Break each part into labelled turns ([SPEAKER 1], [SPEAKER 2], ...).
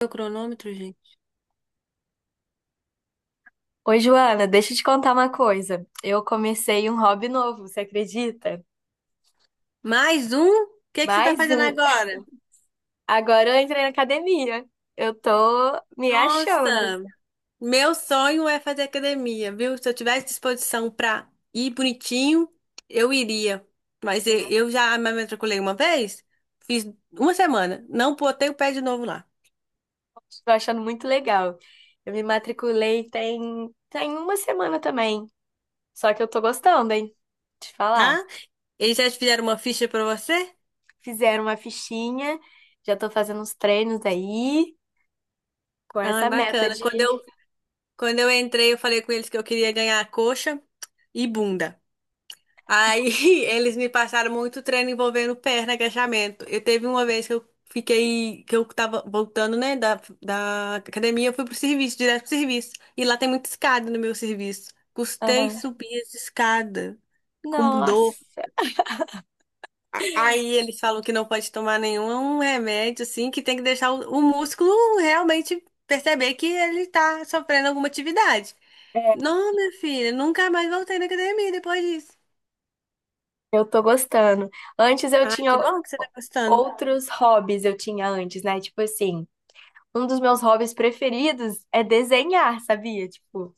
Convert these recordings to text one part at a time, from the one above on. [SPEAKER 1] Meu cronômetro, gente.
[SPEAKER 2] Oi, Joana, deixa eu te contar uma coisa. Eu comecei um hobby novo, você acredita?
[SPEAKER 1] Mais um? O que que você tá
[SPEAKER 2] Mais
[SPEAKER 1] fazendo
[SPEAKER 2] um.
[SPEAKER 1] agora?
[SPEAKER 2] Agora eu entrei na academia. Eu tô me
[SPEAKER 1] Nossa,
[SPEAKER 2] achando.
[SPEAKER 1] meu sonho é fazer academia, viu? Se eu tivesse disposição pra ir bonitinho, eu iria. Mas eu
[SPEAKER 2] Eu
[SPEAKER 1] eu já me matriculei uma vez, fiz uma semana, não botei o pé de novo lá,
[SPEAKER 2] tô achando muito legal. Eu me matriculei tem uma semana também. Só que eu tô gostando, hein? Te falar.
[SPEAKER 1] tá? Eles já te fizeram uma ficha pra você?
[SPEAKER 2] Fizeram uma fichinha, já tô fazendo uns treinos aí, com
[SPEAKER 1] Ah,
[SPEAKER 2] essa meta
[SPEAKER 1] bacana.
[SPEAKER 2] de.
[SPEAKER 1] Quando eu entrei, eu falei com eles que eu queria ganhar coxa e bunda. Aí eles me passaram muito treino envolvendo perna, agachamento. Eu teve uma vez que eu fiquei, que eu tava voltando, né, da academia, eu fui pro serviço, direto pro serviço. E lá tem muita escada no meu serviço. Custei
[SPEAKER 2] Aham.
[SPEAKER 1] subir as escadas com dor.
[SPEAKER 2] Nossa!
[SPEAKER 1] Aí eles falam que não pode tomar nenhum remédio, assim, que tem que deixar o músculo realmente perceber que ele tá sofrendo alguma atividade.
[SPEAKER 2] É.
[SPEAKER 1] Não, minha filha, nunca mais voltei na academia depois disso.
[SPEAKER 2] Eu tô gostando. Antes eu
[SPEAKER 1] Ai,
[SPEAKER 2] tinha
[SPEAKER 1] que bom que você tá gostando.
[SPEAKER 2] outros hobbies, eu tinha antes, né? Tipo assim, um dos meus hobbies preferidos é desenhar, sabia? Tipo,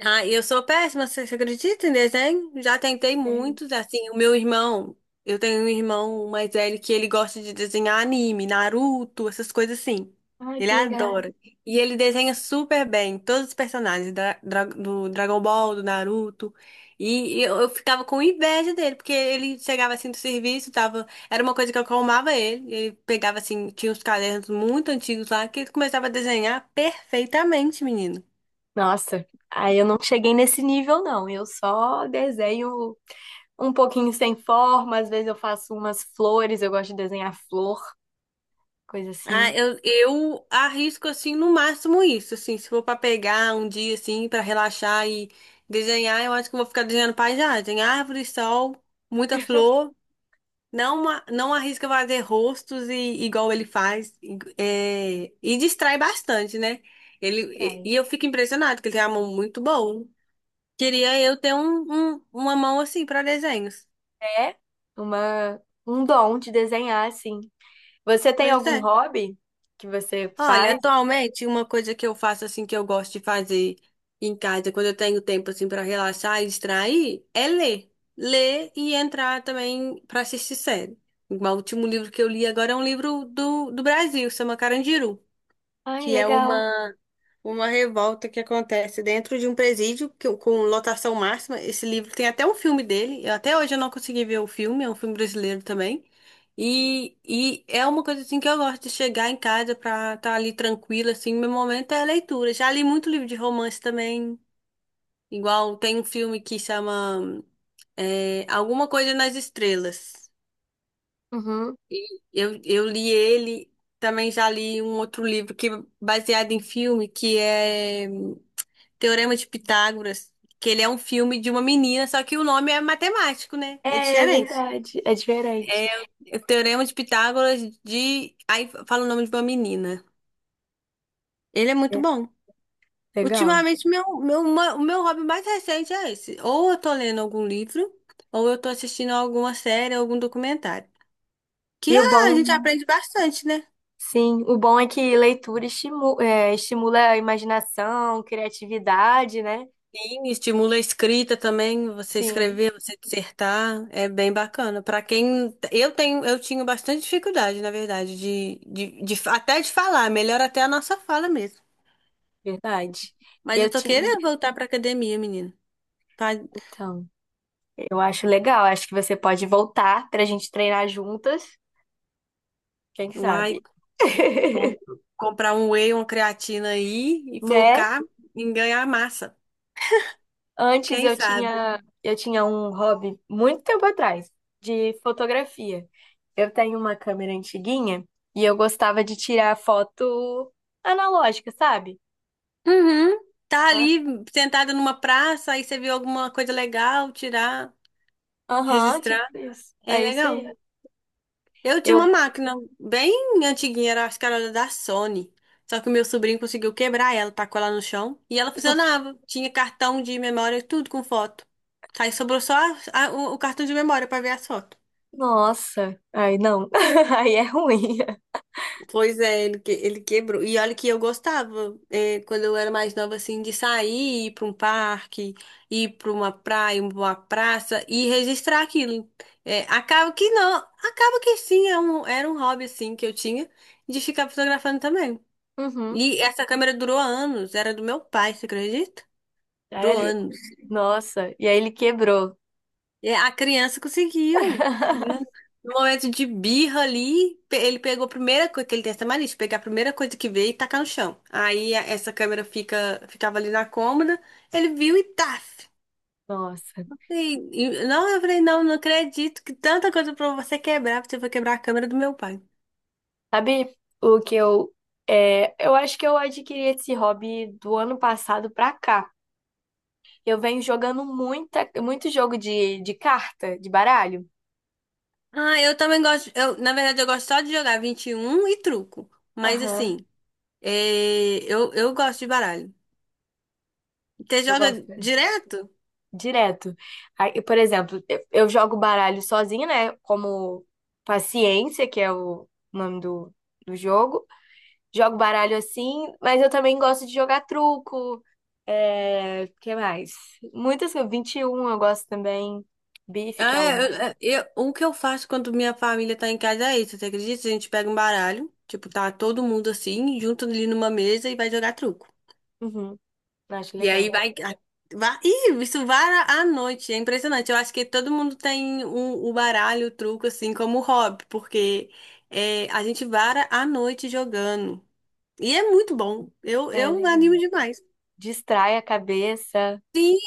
[SPEAKER 1] Ah, eu sou péssima, você acredita em desenho? Já tentei
[SPEAKER 2] ai,
[SPEAKER 1] muitos, assim, o meu irmão, eu tenho um irmão mais velho que ele gosta de desenhar anime, Naruto, essas coisas assim.
[SPEAKER 2] ai,
[SPEAKER 1] Ele
[SPEAKER 2] que legal.
[SPEAKER 1] adora. E ele desenha super bem todos os personagens do Dragon Ball, do Naruto. E eu ficava com inveja dele, porque ele chegava assim do serviço, tava, era uma coisa que acalmava ele. Ele pegava assim, tinha uns cadernos muito antigos lá que ele começava a desenhar perfeitamente, menino.
[SPEAKER 2] Nossa, aí eu não cheguei nesse nível, não. Eu só desenho um pouquinho sem forma, às vezes eu faço umas flores, eu gosto de desenhar flor, coisa
[SPEAKER 1] Ah,
[SPEAKER 2] assim.
[SPEAKER 1] eu arrisco assim no máximo isso, assim, se for pra pegar um dia assim pra relaxar e desenhar, eu acho que eu vou ficar desenhando paisagem, árvore, sol, muita flor. Não, não arrisca fazer rostos e igual ele faz e, é, e distrai bastante, né? Ele
[SPEAKER 2] Distrai.
[SPEAKER 1] e eu fico impressionado que ele tem uma mão muito boa. Queria eu ter uma mão assim pra desenhos.
[SPEAKER 2] É uma, um dom de desenhar, assim. Você tem
[SPEAKER 1] Pois é.
[SPEAKER 2] algum hobby que você
[SPEAKER 1] Olha,
[SPEAKER 2] faz?
[SPEAKER 1] atualmente uma coisa que eu faço assim que eu gosto de fazer em casa, quando eu tenho tempo assim para relaxar e distrair, é ler. Ler e entrar também para assistir série. Igual o último livro que eu li agora é um livro do Brasil, chama Carandiru,
[SPEAKER 2] Ai,
[SPEAKER 1] que é
[SPEAKER 2] legal.
[SPEAKER 1] uma revolta que acontece dentro de um presídio que- com lotação máxima. Esse livro tem até um filme dele. Eu, até hoje eu não consegui ver o filme, é um filme brasileiro também. E é uma coisa assim que eu gosto de chegar em casa pra estar ali tranquila, assim. Meu momento é a leitura. Já li muito livro de romance também. Igual tem um filme que chama é, Alguma Coisa nas Estrelas.
[SPEAKER 2] Uhum.
[SPEAKER 1] Eu li ele, também já li um outro livro que é baseado em filme, que é. Teorema de Pitágoras, que ele é um filme de uma menina, só que o nome é matemático, né? É
[SPEAKER 2] É, é
[SPEAKER 1] diferente.
[SPEAKER 2] verdade. É diferente.
[SPEAKER 1] É o Teorema de Pitágoras de. Aí fala o nome de uma menina. Ele é muito
[SPEAKER 2] É,
[SPEAKER 1] bom.
[SPEAKER 2] legal.
[SPEAKER 1] Ultimamente, o meu hobby mais recente é esse. Ou eu tô lendo algum livro, ou eu tô assistindo alguma série, algum documentário. Que
[SPEAKER 2] E o
[SPEAKER 1] a gente
[SPEAKER 2] bom,
[SPEAKER 1] aprende bastante, né?
[SPEAKER 2] sim, o bom é que leitura estimula a imaginação, criatividade, né?
[SPEAKER 1] Sim, estimula a escrita também, você
[SPEAKER 2] Sim,
[SPEAKER 1] escrever, você dissertar, é bem bacana. Para quem eu tinha bastante dificuldade, na verdade, até de falar, melhor até a nossa fala mesmo.
[SPEAKER 2] verdade.
[SPEAKER 1] Mas eu
[SPEAKER 2] Eu
[SPEAKER 1] tô
[SPEAKER 2] tinha.
[SPEAKER 1] querendo voltar para academia, menino. Pra,
[SPEAKER 2] Então, eu acho legal. Acho que você pode voltar pra gente treinar juntas. Quem
[SPEAKER 1] uai,
[SPEAKER 2] sabe?
[SPEAKER 1] com- comprar um whey, uma creatina aí e
[SPEAKER 2] Né?
[SPEAKER 1] focar em ganhar massa.
[SPEAKER 2] Antes
[SPEAKER 1] Quem
[SPEAKER 2] eu
[SPEAKER 1] sabe?
[SPEAKER 2] tinha, eu tinha um hobby muito tempo atrás, de fotografia. Eu tenho uma câmera antiguinha e eu gostava de tirar foto analógica, sabe?
[SPEAKER 1] Uhum. Tá
[SPEAKER 2] Nossa,
[SPEAKER 1] ali sentada numa praça, aí você viu alguma coisa legal, tirar,
[SPEAKER 2] aham, tipo
[SPEAKER 1] registrar,
[SPEAKER 2] isso.
[SPEAKER 1] é
[SPEAKER 2] É isso
[SPEAKER 1] legal.
[SPEAKER 2] aí.
[SPEAKER 1] Eu tinha uma
[SPEAKER 2] Eu.
[SPEAKER 1] máquina bem antiguinha, era, acho que era da Sony. Só que o meu sobrinho conseguiu quebrar ela, tacou ela no chão e ela funcionava. Tinha cartão de memória, e tudo com foto. Aí sobrou só a- o cartão de memória pra ver as fotos.
[SPEAKER 2] Nossa. Ai, não. Aí é ruim.
[SPEAKER 1] Pois é, ele, que- ele quebrou. E olha que eu gostava, é, quando eu era mais nova, assim, de sair, ir pra um parque, ir pra uma praia, uma praça e registrar aquilo. É, acaba que não, acaba que sim, é um- era um hobby, assim, que eu tinha de ficar fotografando também.
[SPEAKER 2] Uhum.
[SPEAKER 1] E essa câmera durou anos, era do meu pai, você acredita? Durou
[SPEAKER 2] Sério?
[SPEAKER 1] anos.
[SPEAKER 2] Nossa. E aí ele quebrou.
[SPEAKER 1] E a criança conseguiu. No no momento de birra ali, ele pegou a primeira coisa, que ele tem essa mania, de pegar a primeira coisa que vê e tacar no chão. Aí essa câmera ficava ali na cômoda, ele viu e taf.
[SPEAKER 2] Nossa.
[SPEAKER 1] E, não, eu falei, não, não acredito que tanta coisa pra você quebrar, você foi quebrar a câmera do meu pai.
[SPEAKER 2] Sabe o que eu. É, eu acho que eu adquiri esse hobby do ano passado pra cá. Eu venho jogando muita, muito jogo de carta, de baralho.
[SPEAKER 1] Ah, eu também gosto, eu, na verdade eu gosto só de jogar 21 e um e truco. Mas
[SPEAKER 2] Aham,
[SPEAKER 1] assim, é, eu gosto de baralho. Você
[SPEAKER 2] eu
[SPEAKER 1] joga
[SPEAKER 2] gosto
[SPEAKER 1] direto?
[SPEAKER 2] direto. Aí, por exemplo, eu jogo baralho sozinha, né? Como Paciência, que é o nome do jogo. Jogo baralho assim, mas eu também gosto de jogar truco. É, que mais? Muitas coisas. 21 eu gosto também. Bife, que
[SPEAKER 1] Ah,
[SPEAKER 2] é o.
[SPEAKER 1] é, o que eu faço quando minha família tá em casa é isso, você acredita? A gente pega um baralho, tipo, tá todo mundo assim, junto ali numa mesa e vai jogar truco.
[SPEAKER 2] Uhum, acho
[SPEAKER 1] E
[SPEAKER 2] legal.
[SPEAKER 1] aí vai, vai, isso vara à noite, é impressionante. Eu acho que todo mundo tem o baralho, o truco, assim, como hobby, porque é, a gente vara à noite jogando. E é muito bom, eu,
[SPEAKER 2] É
[SPEAKER 1] eu
[SPEAKER 2] legal.
[SPEAKER 1] animo demais.
[SPEAKER 2] Distrai a cabeça.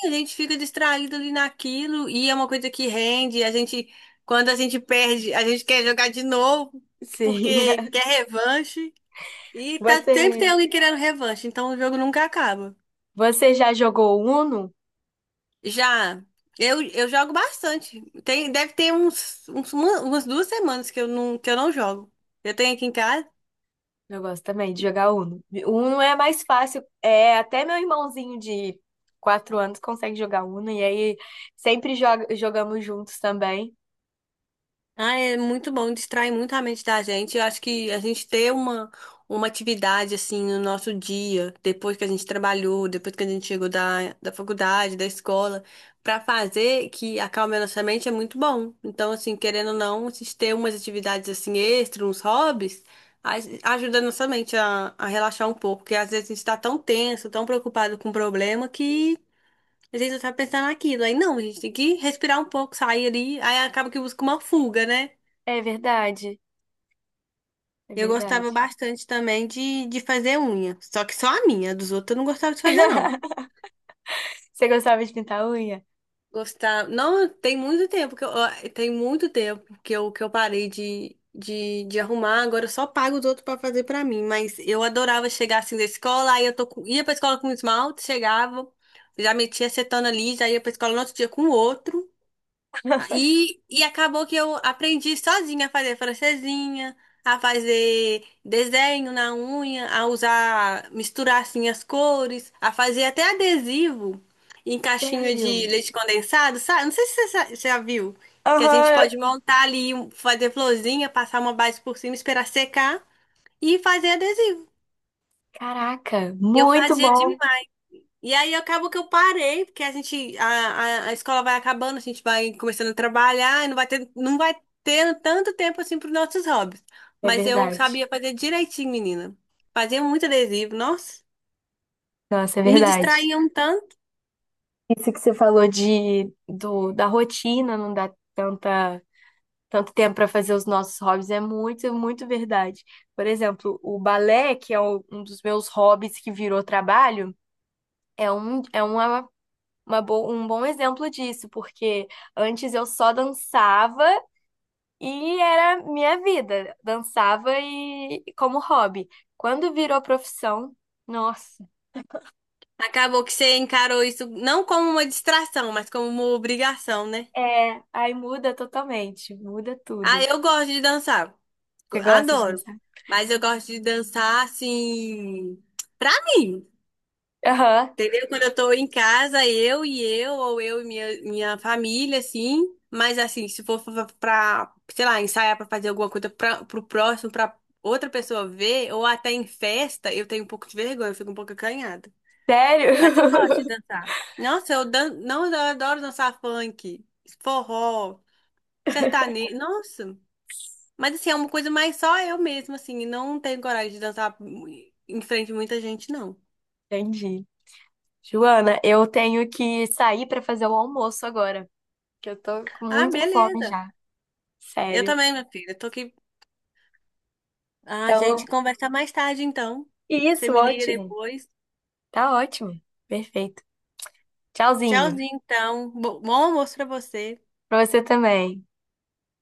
[SPEAKER 1] A gente fica distraído ali naquilo e é uma coisa que rende. A gente, quando a gente perde, a gente quer jogar de novo
[SPEAKER 2] Sim.
[SPEAKER 1] porque quer revanche e tá
[SPEAKER 2] Você.
[SPEAKER 1] sempre tem alguém querendo revanche, então o jogo nunca acaba.
[SPEAKER 2] Você já jogou Uno?
[SPEAKER 1] Já eu jogo bastante. Tem, deve ter uns, umas duas semanas que eu não jogo. Eu tenho aqui em casa.
[SPEAKER 2] Eu gosto também de jogar Uno. Uno é mais fácil. É, até meu irmãozinho de 4 anos consegue jogar Uno e aí sempre jogamos juntos também.
[SPEAKER 1] Ah, é muito bom, distrai muito a mente da gente. Eu acho que a gente ter uma atividade assim no nosso dia, depois que a gente trabalhou, depois que a gente chegou da faculdade, da escola, pra fazer que acalme a nossa mente é muito bom. Então, assim, querendo ou não, a gente ter umas atividades assim extras, uns hobbies, a- ajuda a nossa mente a relaxar um pouco, porque às vezes a gente tá tão tenso, tão preocupado com o problema que a gente só tá pensando naquilo. Aí não, a gente tem que respirar um pouco, sair ali, aí acaba que busca uma fuga, né?
[SPEAKER 2] É verdade, é
[SPEAKER 1] Eu gostava
[SPEAKER 2] verdade.
[SPEAKER 1] bastante também de fazer unha. Só que só a minha, dos outros eu não gostava de fazer, não.
[SPEAKER 2] Você gostava de pintar unha?
[SPEAKER 1] Gostar. Não, tem muito tempo que eu, ó, tem muito tempo que eu parei de arrumar. Agora eu só pago os outros pra fazer pra mim. Mas eu adorava chegar assim da escola, aí eu tô com- ia pra escola com esmalte, chegava, já metia acetona ali, já ia pra escola no outro dia com outro. E acabou que eu aprendi sozinha a fazer francesinha, a fazer desenho na unha, a usar, misturar assim as cores, a fazer até adesivo em caixinha
[SPEAKER 2] Sério?
[SPEAKER 1] de leite condensado, sabe? Não sei se você você já viu, que a gente
[SPEAKER 2] Aham.
[SPEAKER 1] pode montar ali, um- fazer florzinha, passar uma base por cima, esperar secar e fazer adesivo.
[SPEAKER 2] Caraca,
[SPEAKER 1] Eu
[SPEAKER 2] muito
[SPEAKER 1] fazia
[SPEAKER 2] bom.
[SPEAKER 1] e aí acabou que eu parei, porque a gente, a escola vai acabando, a gente vai começando a trabalhar, e não vai ter, não vai ter tanto tempo assim para os nossos hobbies.
[SPEAKER 2] É
[SPEAKER 1] Mas eu
[SPEAKER 2] verdade.
[SPEAKER 1] sabia fazer direitinho, menina. Fazia muito adesivo, nossa.
[SPEAKER 2] Nossa, é
[SPEAKER 1] E me
[SPEAKER 2] verdade.
[SPEAKER 1] distraía um tanto.
[SPEAKER 2] Isso que você falou de do, da rotina não dá tanta tanto tempo para fazer os nossos hobbies é muito verdade. Por exemplo, o balé, que é um dos meus hobbies que virou trabalho, é um, é um bom exemplo disso, porque antes eu só dançava e era minha vida, dançava e como hobby. Quando virou profissão, nossa,
[SPEAKER 1] Acabou que você encarou isso não como uma distração, mas como uma obrigação, né?
[SPEAKER 2] é, aí muda totalmente, muda
[SPEAKER 1] Ah,
[SPEAKER 2] tudo.
[SPEAKER 1] eu gosto de dançar.
[SPEAKER 2] Você gosta de
[SPEAKER 1] Adoro.
[SPEAKER 2] dançar?
[SPEAKER 1] Mas eu gosto de dançar assim, pra mim.
[SPEAKER 2] Aham,
[SPEAKER 1] Entendeu? Quando eu tô em casa, eu e eu, ou eu e minha família, assim. Mas, assim, se for pra, sei lá, ensaiar pra fazer alguma coisa pra, pro próximo, pra outra pessoa ver, ou até em festa, eu tenho um pouco de vergonha, eu fico um pouco acanhada.
[SPEAKER 2] sério?
[SPEAKER 1] Mas eu gosto de dançar. Nossa, eu, dan não, eu adoro dançar funk, forró, sertanejo. Nossa, mas, assim, é uma coisa mais só eu mesma, assim. E não tenho coragem de dançar em frente a muita gente, não.
[SPEAKER 2] Entendi. Joana, eu tenho que sair para fazer o almoço agora, que eu tô com
[SPEAKER 1] Ah,
[SPEAKER 2] muita fome
[SPEAKER 1] beleza.
[SPEAKER 2] já,
[SPEAKER 1] Eu
[SPEAKER 2] sério.
[SPEAKER 1] também, minha filha. Tô aqui. Ah, a gente
[SPEAKER 2] Então,
[SPEAKER 1] conversa mais tarde, então. Você
[SPEAKER 2] isso,
[SPEAKER 1] me liga
[SPEAKER 2] ótimo.
[SPEAKER 1] depois.
[SPEAKER 2] Tá ótimo. Perfeito. Tchauzinho.
[SPEAKER 1] Tchauzinho, então. Bom almoço pra você.
[SPEAKER 2] Pra você também.